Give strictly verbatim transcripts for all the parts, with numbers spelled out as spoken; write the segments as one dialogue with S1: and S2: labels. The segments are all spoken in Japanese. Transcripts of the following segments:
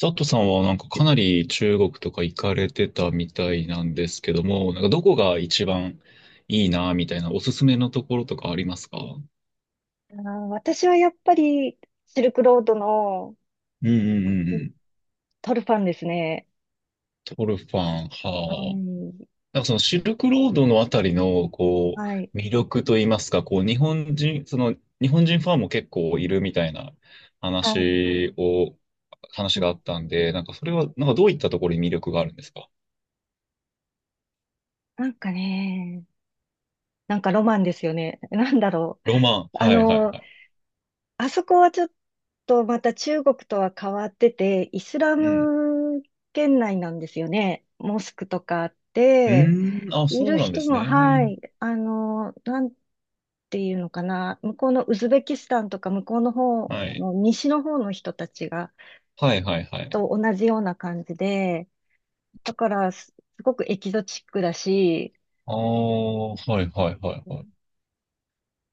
S1: 佐藤さんはなんかかなり中国とか行かれてたみたいなんですけども、なんかどこが一番いいなみたいなおすすめのところとかありますか？うん
S2: あー私はやっぱりシルクロードの
S1: うんうんうん。
S2: トルファンですね。
S1: トルファン、
S2: は
S1: はあ。
S2: い。
S1: なんかそのシルクロードのあたりのこ
S2: はい。
S1: う魅力といいますか、こう日本人、その日本人ファンも結構いるみたいな
S2: はい。
S1: 話を、話
S2: う
S1: があ
S2: ん。
S1: ったんで、なんかそれはなんかどういったところに魅力があるんですか？
S2: なんかね、なんかロマンですよね。なんだろう。
S1: ロマン。
S2: あ
S1: はいはい
S2: の、
S1: はい。
S2: あそこはちょっとまた中国とは変わってて、イスラ
S1: うん。
S2: ム圏内なんですよね。モスクとかあっ
S1: う
S2: て、
S1: ーん、あ、
S2: い
S1: そう
S2: る
S1: なんで
S2: 人
S1: す
S2: も、は
S1: ね。
S2: い。あの、なんていうのかな。向こうのウズベキスタンとか向こうの方
S1: はい。
S2: の西の方の人たちが、
S1: はいはいはい。
S2: と同じような感じで、だからす、すごくエキゾチックだし、
S1: ああ、はいはいはいはい。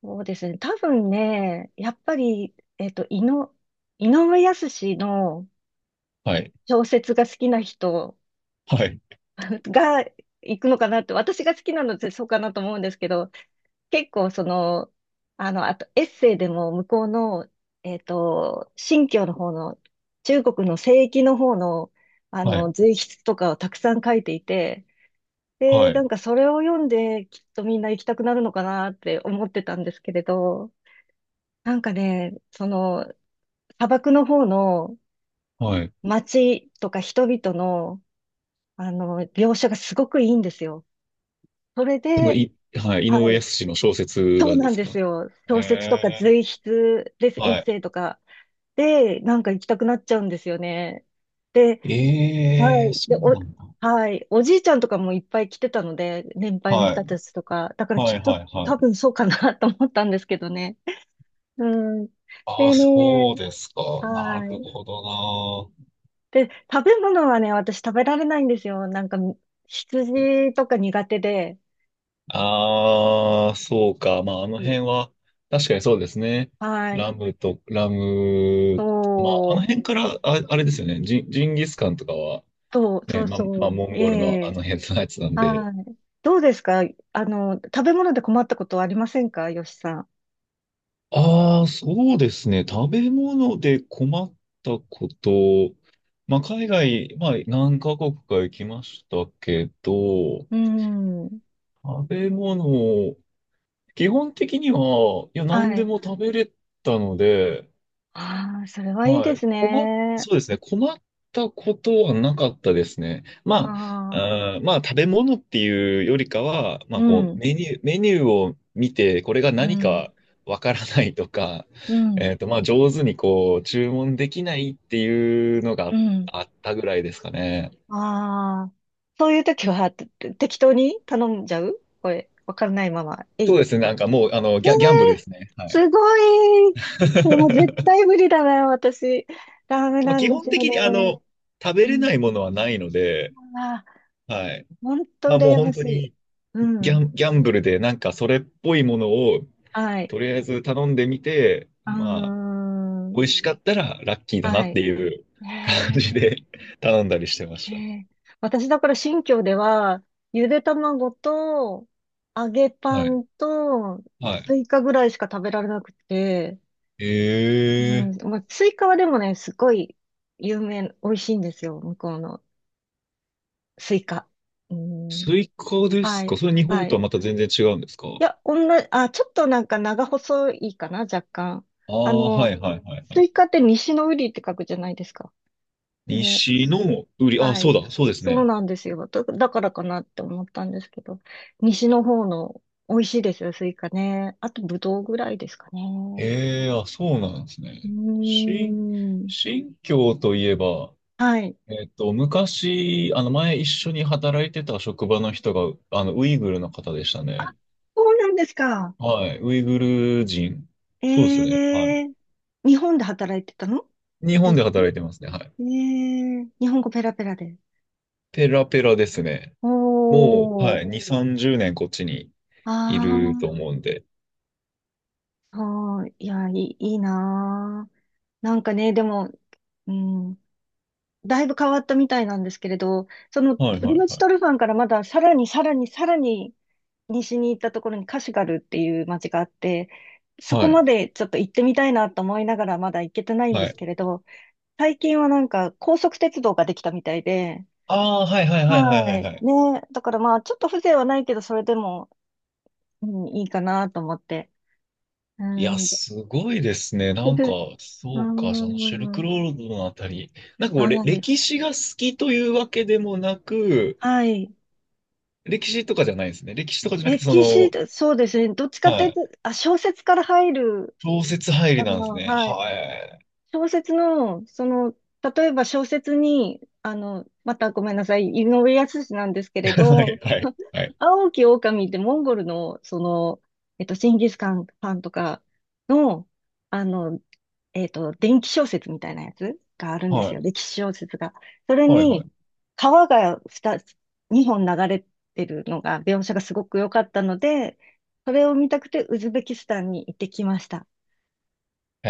S2: そうですね。多分ね、やっぱり、えっと、井の、井上靖の
S1: はい。
S2: 小説が好きな人
S1: はい。
S2: が行くのかなって、私が好きなのってそうかなと思うんですけど、結構その、あの、あとエッセイでも向こうの、えっと、新疆の方の、中国の西域の方の、あ
S1: はい。
S2: の、随筆とかをたくさん書いていて、で、
S1: は
S2: な
S1: い。
S2: んかそれを読んで、きっとみんな行きたくなるのかなって思ってたんですけれど、なんかね、その、砂漠の方の
S1: はい。
S2: 街とか人々の、あの、描写がすごくいいんですよ。それ
S1: その、
S2: で、
S1: い、はいはいはい。そ
S2: は
S1: のいはい、井上
S2: い、
S1: 靖の小説
S2: そう
S1: がで
S2: なん
S1: す
S2: で
S1: か？
S2: すよ。小説とか
S1: え
S2: 随
S1: ー
S2: 筆です、エッ
S1: は
S2: セ
S1: い。
S2: イとかで、なんか行きたくなっちゃうんですよね。で、
S1: え
S2: は
S1: えー
S2: い。
S1: そ
S2: で、
S1: う
S2: お、
S1: なんだ。
S2: はい。おじいちゃんとかもいっぱい来てたので、年配の
S1: は
S2: 人
S1: い。
S2: たちとか。だから
S1: は
S2: きっ
S1: い
S2: と
S1: はいは
S2: 多
S1: い。
S2: 分そうかな と思ったんですけどね。うん。
S1: ああ、
S2: で
S1: そう
S2: ね、
S1: ですか。な
S2: は
S1: る
S2: い。
S1: ほどな。
S2: で、食べ物はね、私食べられないんですよ。なんか、羊とか苦手で。
S1: ああ、そうか。まあ、あの
S2: うん。
S1: 辺は、確かにそうですね。
S2: はい。
S1: ラムと、ラム、まあ、あの
S2: そう、
S1: 辺から、あ、あれですよね。ジン、ジンギスカンとかは、
S2: そう、そ
S1: ね、
S2: う
S1: まあ、まあ、
S2: そ
S1: モ
S2: う。
S1: ン
S2: え
S1: ゴルのあ
S2: え。
S1: の辺のやつなんで、
S2: はい。どうですか？あの、食べ物で困ったことはありませんか、よしさん。
S1: ああ、そうですね。食べ物で困ったこと。まあ、海外、まあ、何カ国か行きましたけど、
S2: うん。
S1: 食べ物、基本的には、いや、何
S2: は
S1: で
S2: い。
S1: も食べれたので、
S2: ああ、それはいい
S1: は
S2: で
S1: い。
S2: す
S1: 困っ、
S2: ね。
S1: そうですね。困ったことはなかったですね。
S2: あ
S1: ま
S2: あ、
S1: あ、あーまあ、食べ物っていうよりかは、ま
S2: う
S1: あ、こう、
S2: ん、
S1: メニュー、メニューを見て、これが
S2: う
S1: 何
S2: ん、
S1: かわからないとか、
S2: うん、
S1: えっと、まあ、上手にこう、注文できないっていうのが
S2: うん。
S1: あったぐらいですかね。
S2: ああ、そういう時はて適当に頼んじゃうこれ、わからないまま、えい
S1: そ
S2: っ
S1: うですね。なん
S2: て。
S1: かもう、あの、
S2: え
S1: ギャ、ギャンブルで
S2: え。
S1: すね。はい。
S2: すごい。でも絶 対無理だな、私。ダメ
S1: まあ、
S2: なん
S1: 基
S2: で
S1: 本
S2: すよ
S1: 的
S2: ね。
S1: に、あの、食べ
S2: う
S1: れ
S2: ん。
S1: ないものはないので、
S2: ああ、
S1: はい。
S2: 本当
S1: まあ、もう
S2: 羨ま
S1: 本
S2: し
S1: 当
S2: い。
S1: に、
S2: う
S1: ギャ
S2: ん。
S1: ン、ギャンブルでなんかそれっぽいものを
S2: はい。
S1: とりあえず頼んでみて、
S2: うー
S1: まあ、
S2: ん。
S1: 美味しかったらラッキーだなっ
S2: は
S1: てい
S2: い。
S1: う感
S2: え
S1: じ
S2: え。
S1: で 頼んだりしてま
S2: え
S1: し
S2: え。私だから新居では、ゆで卵と、揚げ
S1: た。
S2: パ
S1: はい。
S2: ンと、
S1: はい。
S2: スイカぐらいしか食べられなくて、う
S1: ええー、
S2: ん、まあ、スイカはでもね、すごい有名、美味しいんですよ、向こうのスイカ。うん、
S1: スイカで
S2: は
S1: すか？
S2: い、
S1: それ日本
S2: は
S1: と
S2: い。
S1: はまた全然違うんですか？
S2: いや、女、あ、ちょっとなんか長細いかな、若干。
S1: ああ
S2: あ
S1: ー、は
S2: の、
S1: いはいはいは
S2: ス
S1: い。
S2: イカって西の瓜って書くじゃないですか。ね。
S1: 西の売り、あ、
S2: は
S1: そう
S2: い。
S1: だ、そうです
S2: そう
S1: ね。
S2: なんですよ。だだからかなって思ったんですけど、西の方の美味しいですよ、スイカね。あと、ぶどうぐらいですかね。
S1: ええ、あ、そうなんです
S2: う
S1: ね。新、
S2: ーん。
S1: 新疆といえば、
S2: はい。
S1: えっと、昔、あの、前一緒に働いてた職場の人が、あの、ウイグルの方でしたね。
S2: そうなんですか。
S1: はい。ウイグル人。
S2: え
S1: そうですね。は
S2: えー、日本で働いてたの
S1: い。日
S2: で
S1: 本
S2: す
S1: で
S2: ね。
S1: 働いてますね。はい。
S2: ええー、日本語ペラペラで。
S1: ペラペラですね。
S2: お
S1: もう、は
S2: ー。
S1: い。に、さんじゅうねんこっちにいると
S2: あ
S1: 思うんで。
S2: あ、そい。いや、いい、いいなー。なんかね、でも、うん。だいぶ変わったみたいなんですけれど、その
S1: はい
S2: ウル
S1: はい
S2: ムチ
S1: はい。
S2: トルファンからまださらにさらにさらに西に行ったところにカシュガルっていう街があって、そ
S1: は
S2: こ
S1: い。
S2: までちょっと行ってみたいなと思いながらまだ行けてないんで
S1: は
S2: す
S1: い。
S2: けれど、最近はなんか高速鉄道ができたみたいで、
S1: ああ、はいはいはいはいは
S2: は
S1: い
S2: い。
S1: はい。
S2: ね。だからまあちょっと風情はないけど、それでも、うん、いいかなと思って。う
S1: いや、
S2: ん。
S1: すごいですね。なんか、
S2: う
S1: そうか、そのシルク
S2: ん。
S1: ロードのあたり。なんかこう、れ
S2: はい。
S1: 歴史が好きというわけでもなく、
S2: はい。
S1: 歴史とかじゃないですね。歴史とかじゃなくて、そ
S2: 歴史、
S1: の、
S2: そうですね。どっちかと
S1: は
S2: いう
S1: い。
S2: と、あ、小説から入る。
S1: 小説入り
S2: あ
S1: なんです
S2: の、
S1: ね。
S2: はい。
S1: はい。
S2: 小説の、その、例えば小説に、あの、またごめんなさい、井上靖なんですけ れ
S1: はい
S2: ど、
S1: はいはい。
S2: 青き狼ってモンゴルの、その、えっと、ジンギスカンパンとかの、あの、えっと、伝記小説みたいなやつがあるんで
S1: は
S2: すよ、
S1: い
S2: 歴史小説が。それ
S1: はいは
S2: に、
S1: い。
S2: 川がに、にほん流れてるのが、描写がすごく良かったので、それを見たくてウズベキスタンに行ってきました。
S1: へ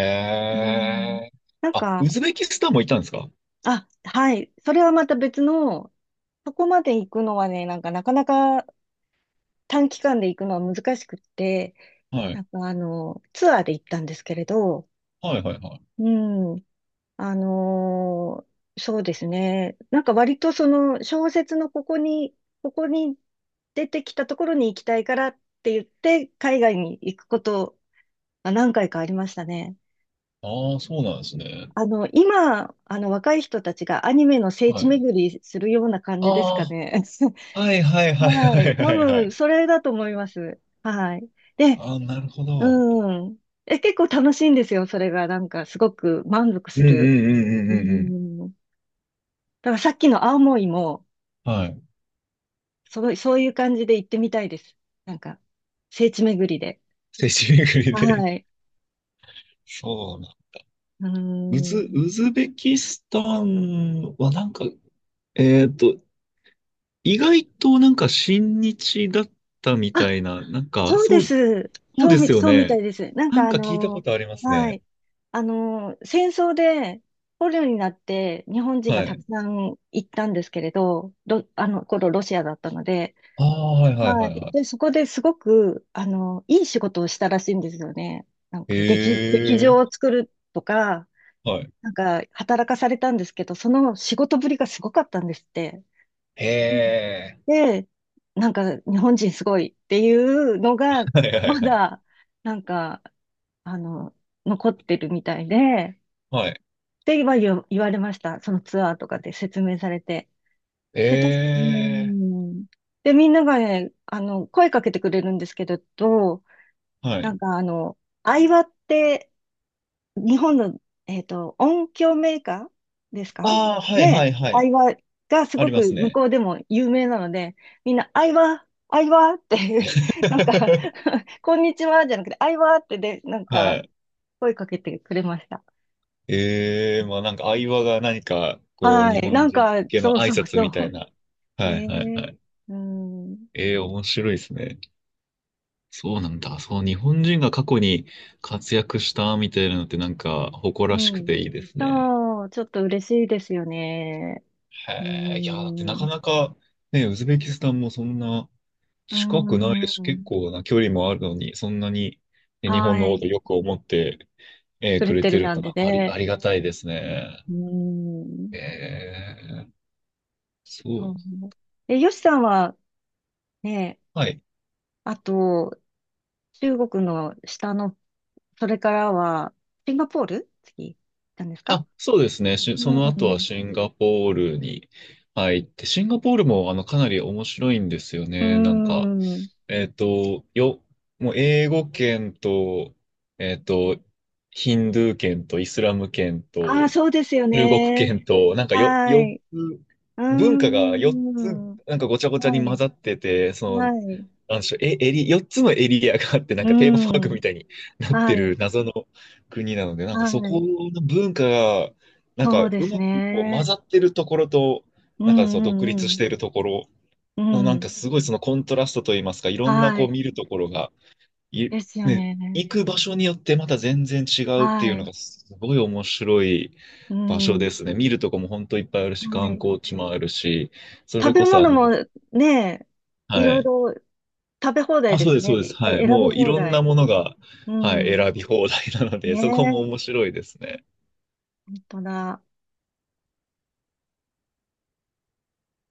S2: うん。
S1: え。
S2: なん
S1: あ、
S2: か、
S1: ウズベキスタンも行ったんですか？
S2: あ、はい。それはまた別の、そこまで行くのはね、なんかなかなか短期間で行くのは難しくって、
S1: は
S2: な
S1: い。
S2: んかあの、ツアーで行ったんですけれど、
S1: はいはいはい。
S2: うん、あのー、そうですね。なんか割とその小説のここに、ここに出てきたところに行きたいからって言って、海外に行くことが何回かありましたね。
S1: ああ、そうなんですね。
S2: あの、今、あの、若い人たちがアニメの聖
S1: は
S2: 地
S1: い。
S2: 巡りするような感じですか
S1: あ
S2: ね。
S1: あ、はいはいはい
S2: は
S1: はい
S2: い。
S1: は
S2: 多
S1: いは
S2: 分、
S1: い。
S2: それだと思います。はい。で、
S1: ああ、なるほど。
S2: うん。え、結構楽しいんですよ。それが、なんか、すごく満足
S1: う
S2: す
S1: んう
S2: る。
S1: んうんうん
S2: う
S1: うんうん。
S2: ん。だからさっきの青森も、
S1: はい。
S2: すごい、そういう感じで行ってみたいいでです、なんか聖地巡りで。
S1: 聖地巡り
S2: は
S1: で。
S2: い。
S1: そうな。
S2: う
S1: ウズ、
S2: ん。
S1: ウズベキスタンはなんか、えっと、意外となんか親日だったみ
S2: あ、
S1: たいな、なんか、
S2: そう
S1: そ
S2: で
S1: う、
S2: す。
S1: そう
S2: そう
S1: で
S2: み、
S1: すよ
S2: そうみた
S1: ね。
S2: いです。なん
S1: な
S2: か
S1: ん
S2: あ
S1: か聞いたこ
S2: の、
S1: とあります
S2: は
S1: ね。
S2: い。あの、戦争で捕虜になって日本人が
S1: は
S2: たく
S1: い。
S2: さん行ったんですけれど、ロあの頃ロシアだったので、
S1: ああ、はいはい
S2: は
S1: はいは
S2: い。
S1: い。
S2: で、そこですごく、あの、いい仕事をしたらしいんですよね。なん
S1: へ
S2: か劇、劇場
S1: え、
S2: を作るとか、
S1: はい。
S2: なんか働かされたんですけど、その仕事ぶりがすごかったんですって。
S1: へえ、
S2: で、なんか日本人すごいっていうのが、
S1: はいはい
S2: ま
S1: はい。
S2: だ、なんか、あの、残ってるみたいで、
S1: はい。
S2: って言わ言言われました。そのツアーとかで説明されて。で、た、うー
S1: ええ、
S2: ん。で、みんながね、あの、声かけてくれるんですけれど、
S1: は
S2: なん
S1: い。
S2: かあの、相葉って日本の、えっと、音響メーカーですか
S1: ああ、はいは
S2: ね、
S1: いは
S2: ア
S1: い。
S2: イワがす
S1: あ
S2: ご
S1: りま
S2: く
S1: す
S2: 向
S1: ね。
S2: こうでも有名なので、みんな、アイワ、アイワって なんか こんにちはじゃなくて、アイワってで、なん
S1: は
S2: か、
S1: い。
S2: 声かけてくれました。
S1: ええ、まあなんか相場が何か、こう、
S2: は
S1: 日
S2: い。な
S1: 本
S2: ん
S1: 人
S2: か、
S1: 向けの
S2: そう
S1: 挨
S2: そう
S1: 拶みたい
S2: そ
S1: な。
S2: う。
S1: は
S2: ね
S1: いはい
S2: え。
S1: はい。
S2: うん。
S1: ええ、面白いですね。そうなんだ。そう、日本人が過去に活躍したみたいなのってなんか誇
S2: う
S1: らしく
S2: ん。
S1: ていいですね。
S2: そう、ちょっと嬉しいですよね。
S1: へ
S2: う
S1: え、いや、だってなか
S2: ん。
S1: なか、ね、ウズベキスタンもそんな、
S2: う
S1: 近くないです。結
S2: ん。
S1: 構な距離もあるのに、そんなにね日本の
S2: は
S1: こと
S2: い。
S1: よく思って、えー
S2: く
S1: く
S2: れ
S1: れ
S2: て
S1: て
S2: る
S1: る
S2: なん
S1: の
S2: で
S1: はあり、
S2: ね。
S1: ありがたいですね。
S2: うん。
S1: えー、そ
S2: う
S1: う。
S2: ん。え、よしさんはね、
S1: はい。
S2: あと、中国の下の、それからは、シンガポール次、行ったんですか？
S1: あ、そうですね。しそ
S2: う
S1: の後は
S2: ん。
S1: シンガポールに入って、シンガポールもあのかなり面白いんですよ
S2: う
S1: ね。なんか、
S2: ん。
S1: えっと、よ、もう英語圏と、えっと、ヒンドゥー圏とイスラム圏と、
S2: ああ、そうですよ
S1: 中国
S2: ね。
S1: 圏と、なんかよ、
S2: は
S1: 4
S2: い。
S1: つ、
S2: うー
S1: 文化がよっつ、
S2: ん。は
S1: なんかごちゃごちゃに混
S2: い。
S1: ざってて、その、
S2: はい。
S1: なんでしょう、え、エリ、よっつのエリアがあって、
S2: う
S1: なんかテーマパー
S2: ー
S1: クみ
S2: ん。
S1: たいになって
S2: は
S1: る
S2: い。
S1: 謎の国なので、なんかそ
S2: は
S1: こ
S2: い。
S1: の文化が、なんか
S2: そうで
S1: う
S2: す
S1: まくこう混
S2: ね。
S1: ざってるところと、
S2: う
S1: なんかその独
S2: んう
S1: 立し
S2: ん
S1: ているところ
S2: う
S1: の、
S2: ん。
S1: なん
S2: う
S1: か
S2: ん。
S1: すごいそのコントラストといいますか、いろんな
S2: は
S1: こう
S2: い。
S1: 見るところがい、
S2: ですよ
S1: ね、
S2: ね。
S1: 行く場所によってまた全然違うって
S2: は
S1: いうの
S2: い。
S1: がすごい面白い
S2: う
S1: 場所で
S2: ん。
S1: すね。見るとこも本当いっぱいあるし、
S2: は
S1: 観
S2: い。
S1: 光地もあるし、そ
S2: 食
S1: れ
S2: べ
S1: こそあ
S2: 物も
S1: の、
S2: ね、い
S1: は
S2: ろい
S1: い。
S2: ろ食べ放題
S1: あ、
S2: で
S1: そう
S2: す
S1: です、そうです。
S2: ね。あ、
S1: はい。
S2: 選
S1: も
S2: び
S1: うい
S2: 放
S1: ろんな
S2: 題。
S1: ものが、
S2: う
S1: はい、
S2: ん。
S1: 選び放題なので、
S2: ね
S1: そこも面
S2: え、
S1: 白いですね。
S2: 本当だ。